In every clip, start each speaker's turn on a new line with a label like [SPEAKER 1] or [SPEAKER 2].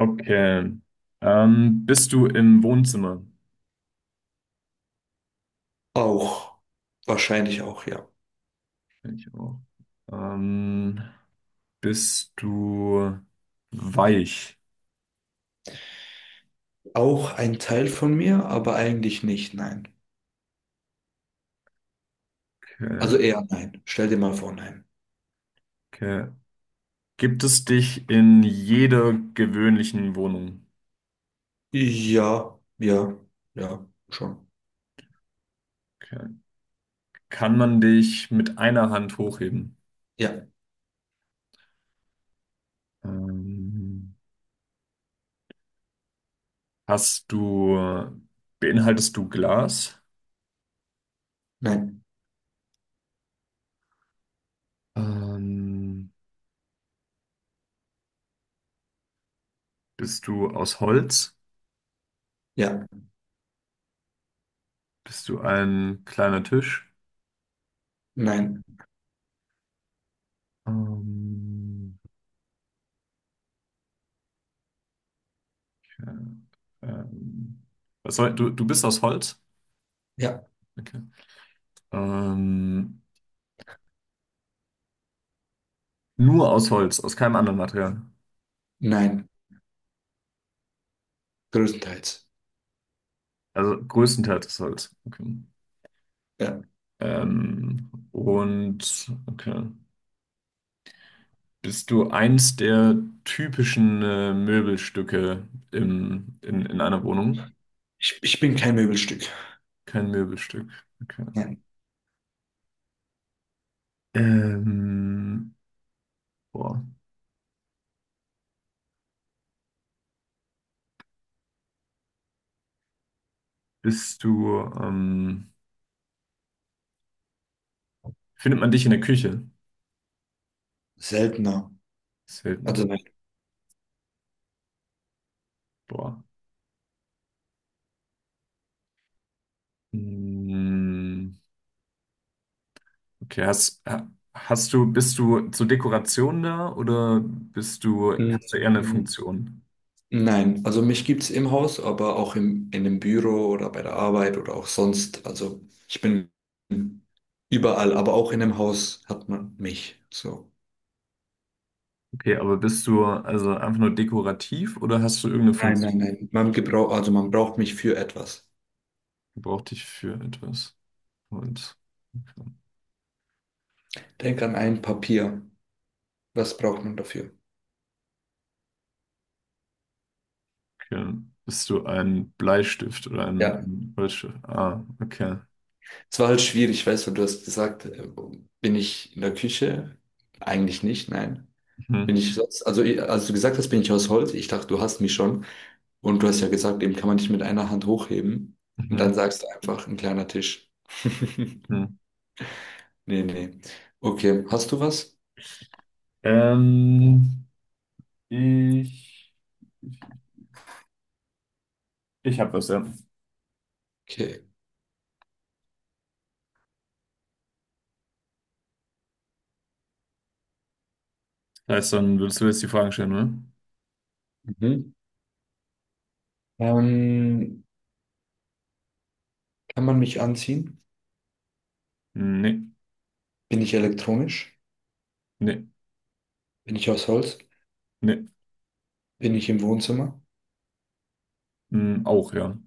[SPEAKER 1] Okay. Bist du im Wohnzimmer?
[SPEAKER 2] Auch, wahrscheinlich auch, ja.
[SPEAKER 1] Ich auch. Ähm, Bist du weich?
[SPEAKER 2] Auch ein Teil von mir, aber eigentlich nicht, nein. Also
[SPEAKER 1] Okay.
[SPEAKER 2] eher nein. Stell dir mal vor, nein.
[SPEAKER 1] Okay. Gibt es dich in jeder gewöhnlichen Wohnung?
[SPEAKER 2] Ja, ja, ja, schon.
[SPEAKER 1] Okay. Kann man dich mit einer Hand hochheben?
[SPEAKER 2] Ja,
[SPEAKER 1] Ähm, hast du, beinhaltest du Glas?
[SPEAKER 2] nein,
[SPEAKER 1] Ähm, Bist du aus Holz?
[SPEAKER 2] ja,
[SPEAKER 1] Bist du ein kleiner Tisch?
[SPEAKER 2] nein,
[SPEAKER 1] Ähm, Ja, ähm, du bist aus Holz?
[SPEAKER 2] ja,
[SPEAKER 1] Okay. Ähm, nur aus Holz, aus keinem anderen Material.
[SPEAKER 2] nein. Größtenteils.
[SPEAKER 1] Also größtenteils aus Holz. Okay.
[SPEAKER 2] Ja.
[SPEAKER 1] Und okay. Bist du eins der typischen Möbelstücke in einer Wohnung?
[SPEAKER 2] Ich bin kein Möbelstück.
[SPEAKER 1] Kein Möbelstück. Okay.
[SPEAKER 2] Nein.
[SPEAKER 1] Ähm, boah. Bist du, ähm, findet man dich in der Küche?
[SPEAKER 2] Seltener.
[SPEAKER 1] Selten,
[SPEAKER 2] Also
[SPEAKER 1] ne?
[SPEAKER 2] nein.
[SPEAKER 1] Boah. Mm. Okay, bist du zur Dekoration da oder hast du eher eine
[SPEAKER 2] Mm,
[SPEAKER 1] Funktion?
[SPEAKER 2] nein, also mich gibt es im Haus, aber auch im, in dem Büro oder bei der Arbeit oder auch sonst. Also ich bin überall, aber auch in dem Haus hat man mich. So.
[SPEAKER 1] Okay, aber bist du also einfach nur dekorativ oder hast du irgendeine
[SPEAKER 2] Nein,
[SPEAKER 1] Funktion?
[SPEAKER 2] nein, nein. Man gebraucht, also man braucht mich für etwas.
[SPEAKER 1] Braucht dich für etwas? Und
[SPEAKER 2] Denk an ein Papier. Was braucht man dafür?
[SPEAKER 1] okay. Bist du ein Bleistift oder
[SPEAKER 2] Ja,
[SPEAKER 1] ein Holzstift? Ah, okay.
[SPEAKER 2] es war halt schwierig, weißt du, du hast gesagt, bin ich in der Küche? Eigentlich nicht, nein. Bin
[SPEAKER 1] Mhm,
[SPEAKER 2] ich sonst, also ich- als du gesagt hast, bin ich aus Holz, ich dachte, du hast mich schon. Und du hast ja gesagt, eben kann man nicht mit einer Hand hochheben. Und dann
[SPEAKER 1] mhm,
[SPEAKER 2] sagst du einfach, ein kleiner Tisch.
[SPEAKER 1] mhm.
[SPEAKER 2] Nee, nee. Okay, hast du was?
[SPEAKER 1] Ähm, ich, ich habe was, ja.
[SPEAKER 2] Okay.
[SPEAKER 1] Das heißt, dann würdest du jetzt die Fragen stellen, ne?
[SPEAKER 2] Mhm. Ähm, Kann man mich anziehen?
[SPEAKER 1] Nee,
[SPEAKER 2] Bin ich elektronisch?
[SPEAKER 1] nee,
[SPEAKER 2] Bin ich aus Holz?
[SPEAKER 1] nee.
[SPEAKER 2] Bin ich im Wohnzimmer?
[SPEAKER 1] Hm, auch, ja.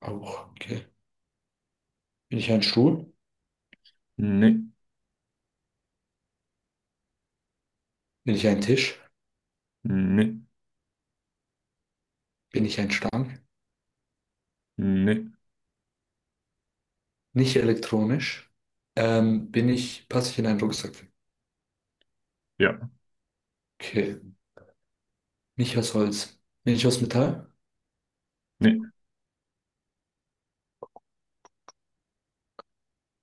[SPEAKER 2] Auch, okay. Bin ich ein Stuhl?
[SPEAKER 1] Nee.
[SPEAKER 2] Bin ich ein Tisch?
[SPEAKER 1] Nee,
[SPEAKER 2] Bin ich ein Stang?
[SPEAKER 1] nee,
[SPEAKER 2] Nicht elektronisch. Bin ich, passe ich in einen Rucksack?
[SPEAKER 1] ja,
[SPEAKER 2] Okay. Nicht aus Holz. Bin ich aus Metall?
[SPEAKER 1] nee,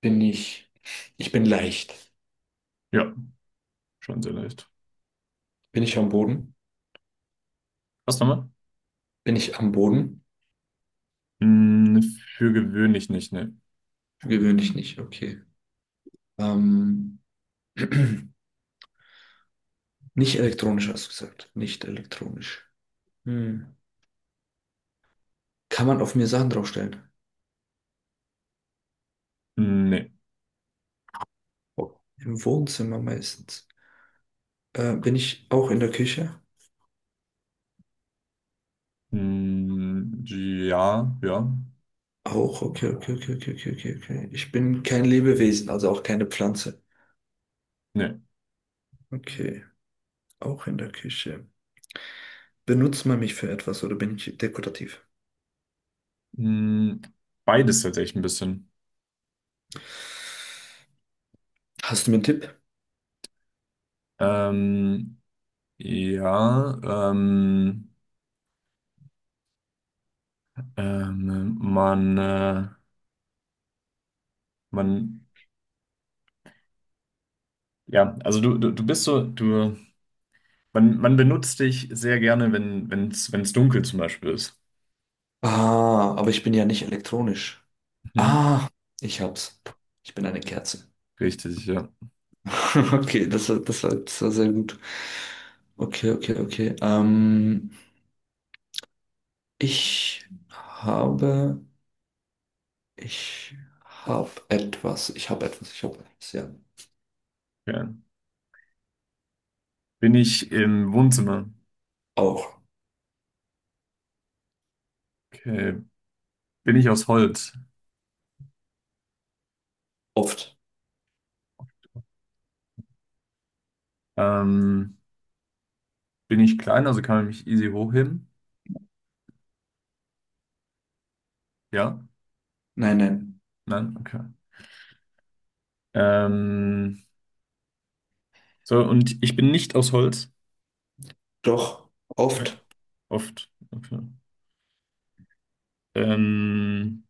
[SPEAKER 2] Bin ich, ich bin leicht.
[SPEAKER 1] ja, schon sehr leicht.
[SPEAKER 2] Bin ich am Boden?
[SPEAKER 1] Was nochmal?
[SPEAKER 2] Bin ich am Boden?
[SPEAKER 1] Mm, für gewöhnlich nicht, nee.
[SPEAKER 2] Gewöhnlich nicht, okay. Ähm, nicht elektronisch, hast du gesagt. Nicht elektronisch. Hm. Kann man auf mir Sachen draufstellen?
[SPEAKER 1] Nee.
[SPEAKER 2] Im Wohnzimmer meistens. Bin ich auch in der Küche?
[SPEAKER 1] Mm, ja, ja,
[SPEAKER 2] Auch, okay, okay, okay, okay, okay, okay, okay. Ich bin kein Lebewesen, also auch keine Pflanze.
[SPEAKER 1] nee.
[SPEAKER 2] Okay, auch in der Küche. Benutzt man mich für etwas oder bin ich dekorativ?
[SPEAKER 1] Mm, beides tatsächlich ein bisschen.
[SPEAKER 2] Hast du mir einen Tipp?
[SPEAKER 1] Ähm, ja, man, man, ja, also du bist so, du, man benutzt dich sehr gerne, wenn, wenn's, wenn's dunkel zum Beispiel ist.
[SPEAKER 2] Ah, aber ich bin ja nicht elektronisch.
[SPEAKER 1] Mhm.
[SPEAKER 2] Ah, ich hab's. Ich bin eine Kerze.
[SPEAKER 1] Richtig, ja.
[SPEAKER 2] Okay, das war, das war, das war sehr gut. Okay, okay, okay. Ich habe, ich habe etwas, ich habe etwas, ich habe etwas, ja.
[SPEAKER 1] Ja. Bin ich im Wohnzimmer?
[SPEAKER 2] Auch,
[SPEAKER 1] Okay. Bin ich aus Holz?
[SPEAKER 2] oft.
[SPEAKER 1] Ähm, bin ich klein, also kann man mich easy hochheben? Ja?
[SPEAKER 2] Nein, nein.
[SPEAKER 1] Nein? Okay. Ähm, so, und ich bin nicht aus Holz?
[SPEAKER 2] Doch,
[SPEAKER 1] Ja,
[SPEAKER 2] oft.
[SPEAKER 1] oft. Okay. Ähm,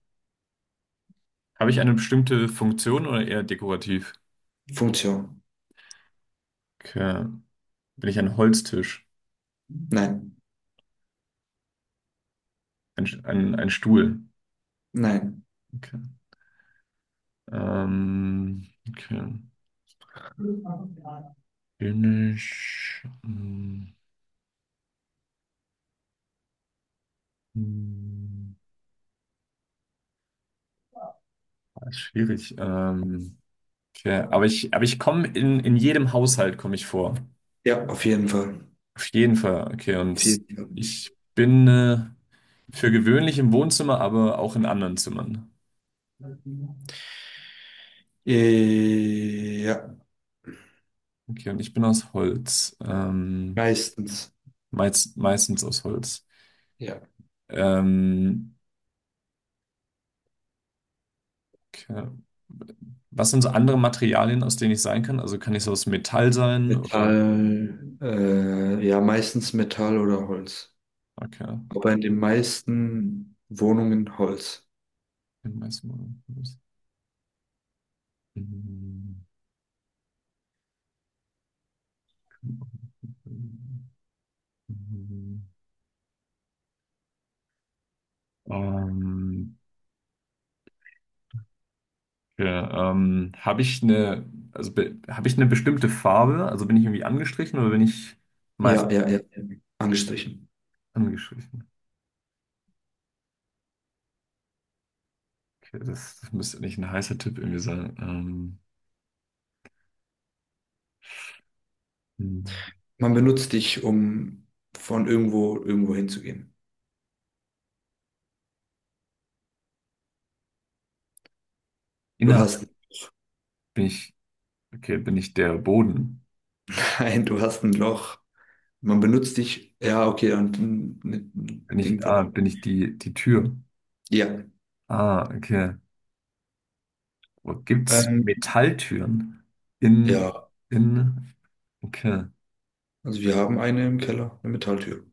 [SPEAKER 1] habe ich eine bestimmte Funktion oder eher dekorativ?
[SPEAKER 2] Funktion.
[SPEAKER 1] Okay. Bin ich ein Holztisch?
[SPEAKER 2] Nein,
[SPEAKER 1] Ein Stuhl?
[SPEAKER 2] nein.
[SPEAKER 1] Okay. Okay. Bin ich. Mm, ah, ist schwierig. Okay, aber ich komme in jedem Haushalt komme ich vor.
[SPEAKER 2] Ja, auf jeden Fall.
[SPEAKER 1] Auf jeden Fall. Okay,
[SPEAKER 2] Auf
[SPEAKER 1] und
[SPEAKER 2] jeden Fall.
[SPEAKER 1] ich bin für gewöhnlich im Wohnzimmer, aber auch in anderen Zimmern.
[SPEAKER 2] Ja,
[SPEAKER 1] Okay, und ich bin aus Holz.
[SPEAKER 2] meistens.
[SPEAKER 1] Meistens aus Holz.
[SPEAKER 2] Ja.
[SPEAKER 1] Ähm, okay. Was sind so andere Materialien, aus denen ich sein kann? Also kann ich so aus Metall sein oder?
[SPEAKER 2] Metall, ja, meistens Metall oder Holz.
[SPEAKER 1] Okay.
[SPEAKER 2] Aber in den meisten Wohnungen Holz.
[SPEAKER 1] Bin meistens aus Holz. Ähm, Ja, habe ich eine bestimmte Farbe? Also bin ich irgendwie angestrichen oder bin ich
[SPEAKER 2] Ja,
[SPEAKER 1] meistens
[SPEAKER 2] ja, ja, ja, angestrichen.
[SPEAKER 1] angestrichen? Okay, das, das müsste nicht ein heißer Tipp irgendwie sein. Hm.
[SPEAKER 2] Man benutzt dich, um von irgendwo irgendwo hinzugehen. Du
[SPEAKER 1] Innerhalb
[SPEAKER 2] hast
[SPEAKER 1] bin ich, okay, bin ich der Boden?
[SPEAKER 2] ein, du hast ein Loch. Man benutzt dich, ja, okay, und ein Ding will er.
[SPEAKER 1] Bin ich die Tür?
[SPEAKER 2] Ja,
[SPEAKER 1] Ah, okay. Wo gibt's
[SPEAKER 2] ähm,
[SPEAKER 1] Metalltüren? In,
[SPEAKER 2] ja,
[SPEAKER 1] in, okay.
[SPEAKER 2] also wir haben eine im Keller, eine Metalltür.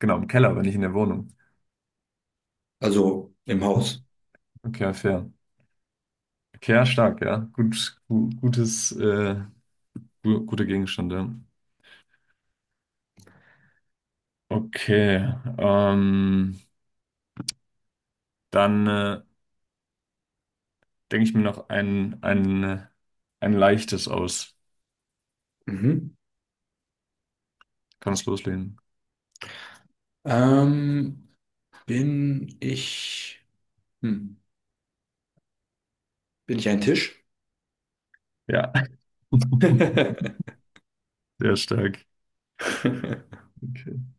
[SPEAKER 1] Genau, im Keller, wenn ich in der Wohnung.
[SPEAKER 2] Also im Haus.
[SPEAKER 1] Okay, fair. Okay, ja, stark, ja. Gutes, guter Gegenstand, ja. Okay, dann denke ich mir noch ein leichtes aus.
[SPEAKER 2] Mhm.
[SPEAKER 1] Kannst loslegen.
[SPEAKER 2] Ähm, Bin ich, hm, bin ich ein Tisch?
[SPEAKER 1] Ja, sehr stark. Okay.